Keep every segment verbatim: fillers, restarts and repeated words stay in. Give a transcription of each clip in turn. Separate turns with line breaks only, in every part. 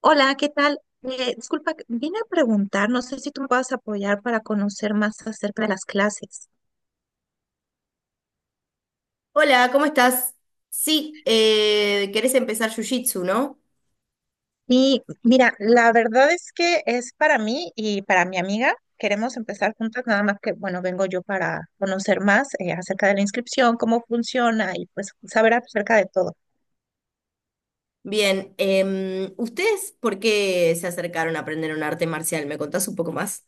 Hola, ¿qué tal? Eh, disculpa, vine a preguntar, no sé si tú me puedas apoyar para conocer más acerca de las clases.
Hola, ¿cómo estás? Sí, eh, querés empezar Jiu-Jitsu, ¿no?
Y mira, la verdad es que es para mí y para mi amiga. Queremos empezar juntas, nada más que, bueno, vengo yo para conocer más eh, acerca de la inscripción, cómo funciona y pues saber acerca de todo.
Bien, em, ¿ustedes por qué se acercaron a aprender un arte marcial? ¿Me contás un poco más?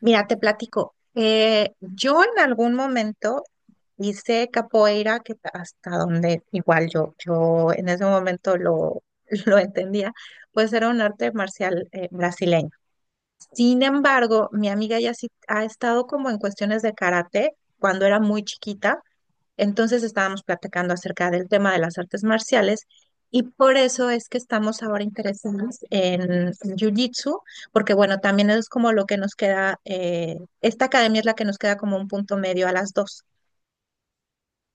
Mira, te platico. Eh, yo en algún momento hice capoeira, que hasta donde igual yo, yo en ese momento lo, lo entendía, pues era un arte marcial eh, brasileño. Sin embargo, mi amiga ya sí ha estado como en cuestiones de karate cuando era muy chiquita. Entonces estábamos platicando acerca del tema de las artes marciales y por eso es que estamos ahora interesados en Jiu-Jitsu, porque bueno, también es como lo que nos queda, eh, esta academia es la que nos queda como un punto medio a las dos.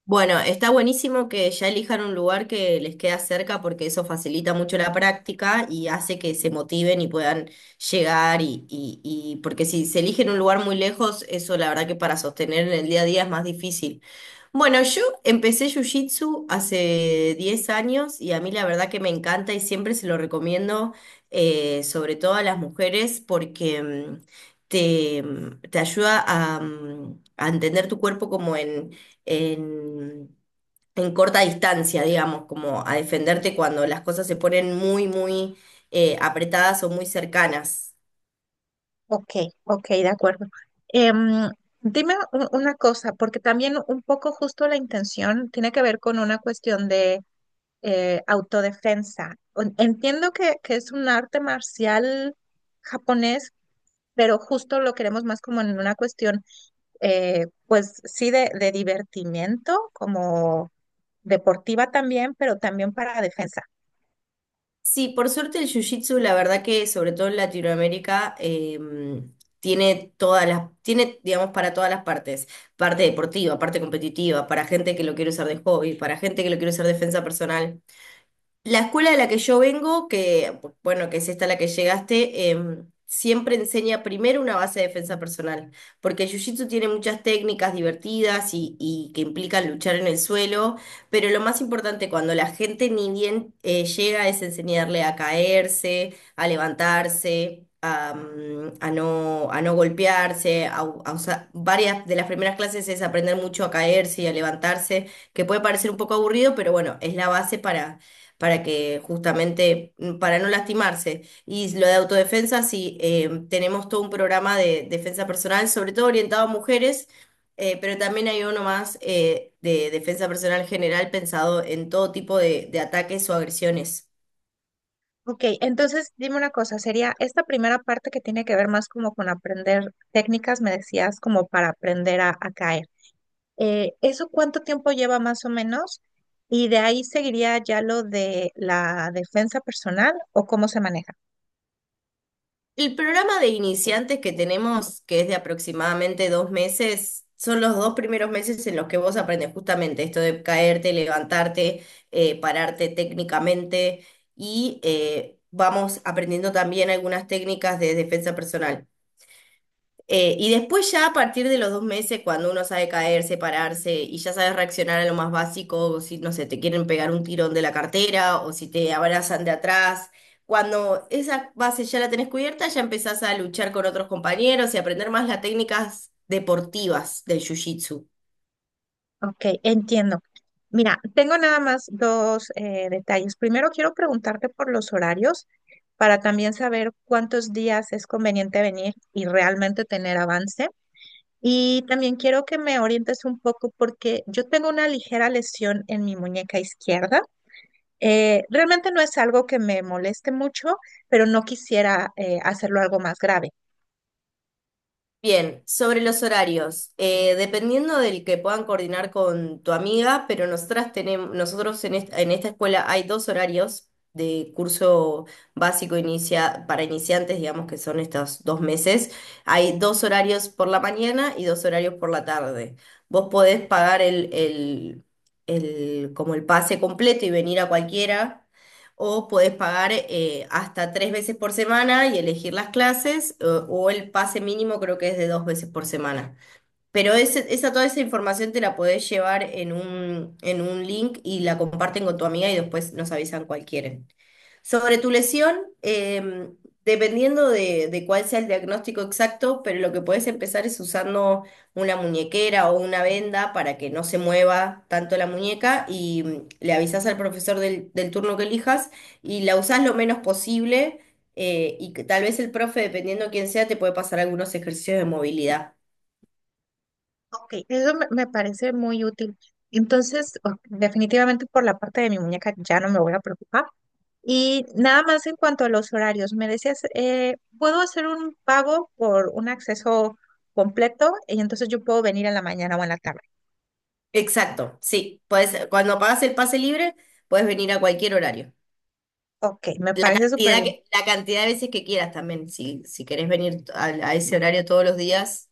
Bueno, está buenísimo que ya elijan un lugar que les queda cerca porque eso facilita mucho la práctica y hace que se motiven y puedan llegar y, y, y porque si se eligen un lugar muy lejos, eso la verdad que para sostener en el día a día es más difícil. Bueno, yo empecé Jiu-Jitsu hace diez años y a mí la verdad que me encanta y siempre se lo recomiendo, eh, sobre todo a las mujeres, porque mm, te, mm, te ayuda a, mm, a entender tu cuerpo como en en, en corta distancia, digamos, como a defenderte cuando las cosas se ponen muy, muy eh, apretadas o muy cercanas.
Ok, ok, de acuerdo. Em, dime u- una cosa, porque también un poco justo la intención tiene que ver con una cuestión de eh, autodefensa. En- Entiendo que, que es un arte marcial japonés, pero justo lo queremos más como en una cuestión, eh, pues sí, de, de divertimiento, como deportiva también, pero también para defensa.
Sí, por suerte el jiu-jitsu, la verdad que sobre todo en Latinoamérica, em, tiene todas las, tiene, digamos, para todas las partes, parte deportiva, parte competitiva, para gente que lo quiere usar de hobby, para gente que lo quiere usar de defensa personal. La escuela de la que yo vengo, que bueno, que es esta a la que llegaste, em, siempre enseña primero una base de defensa personal, porque el jiu-jitsu tiene muchas técnicas divertidas y, y que implican luchar en el suelo, pero lo más importante cuando la gente ni bien eh, llega es enseñarle a caerse, a levantarse, a, mm, a no, a no golpearse, a u- a usar- varias de las primeras clases es aprender mucho a caerse y a levantarse, que puede parecer un poco aburrido, pero bueno, es la base para para que justamente, mm, para no lastimarse. Y lo de autodefensa, sí, eh, tenemos todo un programa de defensa personal, sobre todo orientado a mujeres, eh, pero también hay uno más eh, de defensa personal general pensado en todo tipo de de ataques o agresiones.
Ok, entonces dime una cosa, sería esta primera parte que tiene que ver más como con aprender técnicas, me decías, como para aprender a, a caer. Eh, ¿eso cuánto tiempo lleva más o menos? Y de ahí seguiría ya lo de la defensa personal o cómo se maneja.
El programa de iniciantes que tenemos, que es de aproximadamente dos meses, son los dos primeros meses en los que vos aprendes justamente esto de caerte, levantarte, eh, pararte técnicamente y eh, vamos aprendiendo también algunas técnicas de defensa personal. Eh, y después ya a partir de los dos meses, cuando uno sabe caerse, pararse y ya sabes reaccionar a lo más básico, o si, no sé, te quieren pegar un tirón de la cartera o si te abrazan de atrás, cuando esa base ya la tenés cubierta, ya empezás a luchar con otros compañeros y aprender más las técnicas deportivas del jiu-jitsu.
Ok, entiendo. Mira, tengo nada más dos eh, detalles. Primero, quiero preguntarte por los horarios para también saber cuántos días es conveniente venir y realmente tener avance. Y también quiero que me orientes un poco porque yo tengo una ligera lesión en mi muñeca izquierda. Eh, realmente no es algo que me moleste mucho, pero no quisiera eh, hacerlo algo más grave.
Bien, sobre los horarios, eh, dependiendo del que puedan coordinar con tu amiga, pero nosotras tenemos, nosotros en esta, en esta escuela hay dos horarios de curso básico inicia, para iniciantes, digamos que son estos dos meses. Hay dos horarios por la mañana y dos horarios por la tarde. Vos podés pagar el, el, el, como el pase completo y venir a cualquiera. O podés pagar eh, hasta tres veces por semana y elegir las clases, o, o el pase mínimo creo que es de dos veces por semana. Pero ese- esa, toda esa información te la podés llevar en un, en un link y la comparten con tu amiga y después nos avisan cualquiera. Sobre tu lesión, em, dependiendo de, de cuál sea el diagnóstico exacto, pero lo que puedes empezar es usando una muñequera o una venda para que no se mueva tanto la muñeca y mm, le avisas al profesor del, del turno que elijas y la usás lo menos posible eh, y que tal vez el profe, dependiendo quién sea, te puede pasar algunos ejercicios de movilidad.
Ok, eso me, me parece muy útil. Entonces, o- definitivamente por la parte de mi muñeca ya no me voy a preocupar. Y nada más en cuanto a los horarios, me decías, eh, ¿puedo hacer un pago por un acceso completo? Y entonces yo puedo venir en la mañana o en la tarde.
Exacto, sí. Podés- cuando pagas el pase libre, puedes venir a cualquier horario.
Ok, me
La
parece súper
cantidad
bien.
que, la cantidad de veces que quieras también, si, si querés venir a, a ese horario todos los días.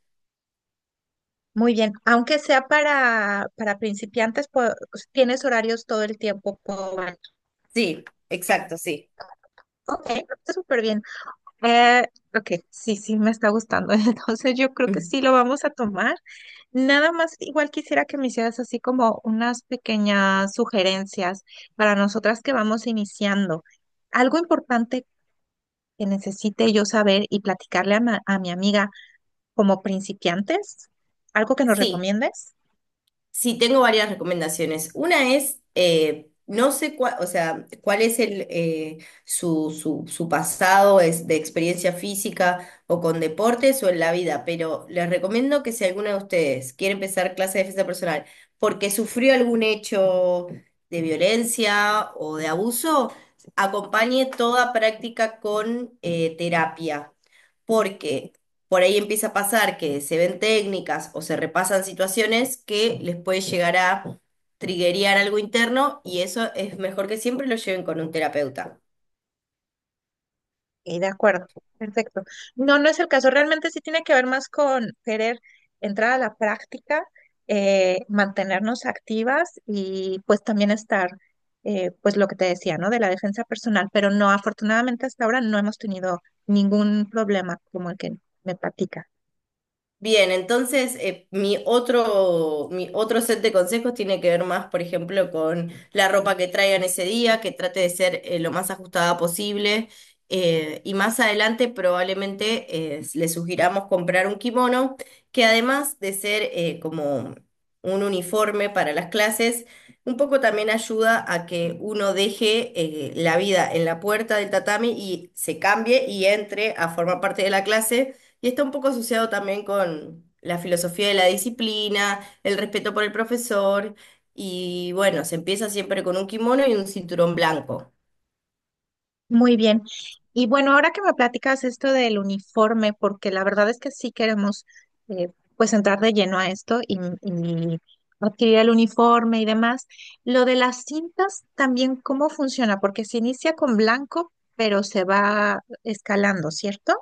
Muy bien, aunque sea para, para principiantes, pues, tienes horarios todo el tiempo. Puedo venir.
Sí,
Ok,
exacto, sí.
ok, está súper bien. Eh, ok, sí, sí, me está gustando. Entonces yo creo que
Mm.
sí lo vamos a tomar. Nada más, igual quisiera que me hicieras así como unas pequeñas sugerencias para nosotras que vamos iniciando. Algo importante que necesite yo saber y platicarle a, ma- a mi amiga como principiantes, algo que nos
Sí,
recomiendes.
Sí, tengo varias recomendaciones. Una es, eh, no sé cuál, o sea, cuál es el, eh, su, su, su pasado es de experiencia física o con deportes o en la vida, pero les recomiendo que si alguno de ustedes quiere empezar clase de defensa personal porque sufrió algún hecho de violencia o de abuso, acompañe toda práctica con eh, terapia. Porque por ahí empieza a pasar que se ven técnicas o se repasan situaciones que les puede llegar a triguear algo interno y eso es mejor que siempre lo lleven con un terapeuta.
Y de acuerdo, perfecto. No, no es el caso. Realmente sí tiene que ver más con querer entrar a la práctica, eh, mantenernos activas y pues también estar, eh, pues lo que te decía, ¿no? De la defensa personal. Pero no, afortunadamente hasta ahora no hemos tenido ningún problema como el que me platicas.
Bien, entonces eh, mi otro, mi otro set de consejos tiene que ver más, por ejemplo, con la ropa que traigan ese día, que trate de ser eh, lo más ajustada posible. eh, y más adelante probablemente eh, le sugiramos comprar un kimono, que además de ser eh, como un uniforme para las clases, un poco también ayuda a que uno deje eh, la vida en la puerta del tatami y se cambie y entre a formar parte de la clase y está un poco asociado también con la filosofía de la disciplina, el respeto por el profesor, y bueno, se empieza siempre con un kimono y un cinturón blanco.
Muy bien. Y bueno, ahora que me platicas esto del uniforme, porque la verdad es que sí queremos eh, pues entrar de lleno a esto y, y adquirir el uniforme y demás. Lo de las cintas también, ¿cómo funciona? Porque se inicia con blanco, pero se va escalando, ¿cierto?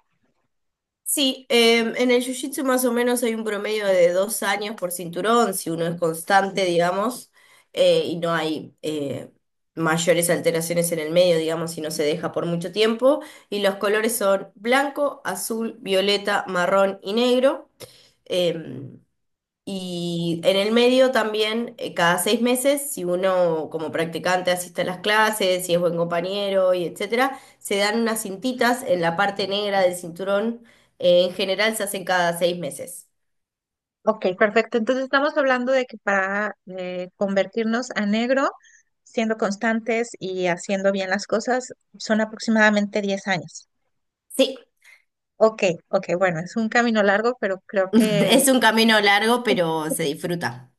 Sí, em, en el jiu-jitsu más o menos hay un promedio de dos años por cinturón, si uno es constante, digamos, eh, y no hay eh, mayores alteraciones en el medio, digamos, si no se deja por mucho tiempo. Y los colores son blanco, azul, violeta, marrón y negro. Em, Y en el medio también, eh, cada seis meses, si uno como practicante asiste a las clases, si es buen compañero y etcétera, se dan unas cintitas en la parte negra del cinturón. Eh, en general se hacen cada seis meses.
Ok, perfecto. Entonces estamos hablando de que para eh, convertirnos a negro, siendo constantes y haciendo bien las cosas, son aproximadamente diez años.
Sí,
Ok, ok, bueno, es un camino largo, pero creo que
es un camino largo, pero se disfruta.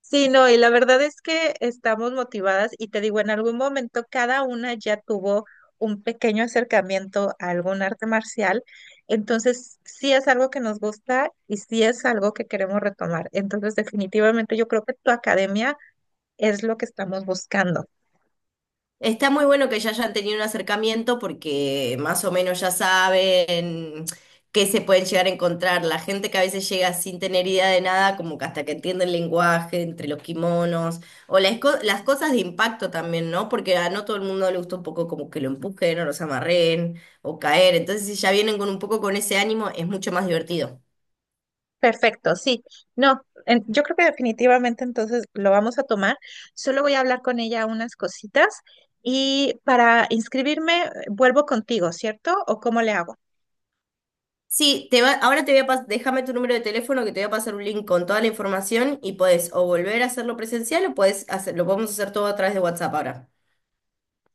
sí. No, y la verdad es que estamos motivadas y te digo, en algún momento cada una ya tuvo un pequeño acercamiento a algún arte marcial, entonces sí es algo que nos gusta y sí es algo que queremos retomar. Entonces definitivamente yo creo que tu academia es lo que estamos buscando.
Está muy bueno que ya hayan tenido un acercamiento porque más o menos ya saben qué se pueden llegar a encontrar. La gente que a veces llega sin tener idea de nada, como que hasta que entiende el lenguaje entre los kimonos o las, co- las cosas de impacto también, ¿no? Porque a no todo el mundo le gusta un poco como que lo empujen o los amarren o caer. Entonces, si ya vienen con un poco con ese ánimo, es mucho más divertido.
Perfecto, sí. No, en- yo creo que definitivamente entonces lo vamos a tomar. Solo voy a hablar con ella unas cositas y para inscribirme eh, vuelvo contigo, ¿cierto? ¿O cómo le hago?
Sí, te va, ahora te voy a pasar, déjame tu número de teléfono que te voy a pasar un link con toda la información y podés o volver a hacerlo presencial o podés hacer, lo podemos hacer todo a través de WhatsApp ahora.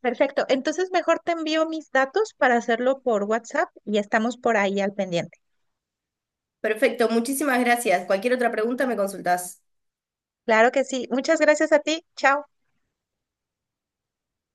Perfecto. Entonces mejor te envío mis datos para hacerlo por WhatsApp y estamos por ahí al pendiente.
Perfecto, muchísimas gracias. Cualquier otra pregunta me consultás.
Claro que sí. Muchas gracias a ti. Chao.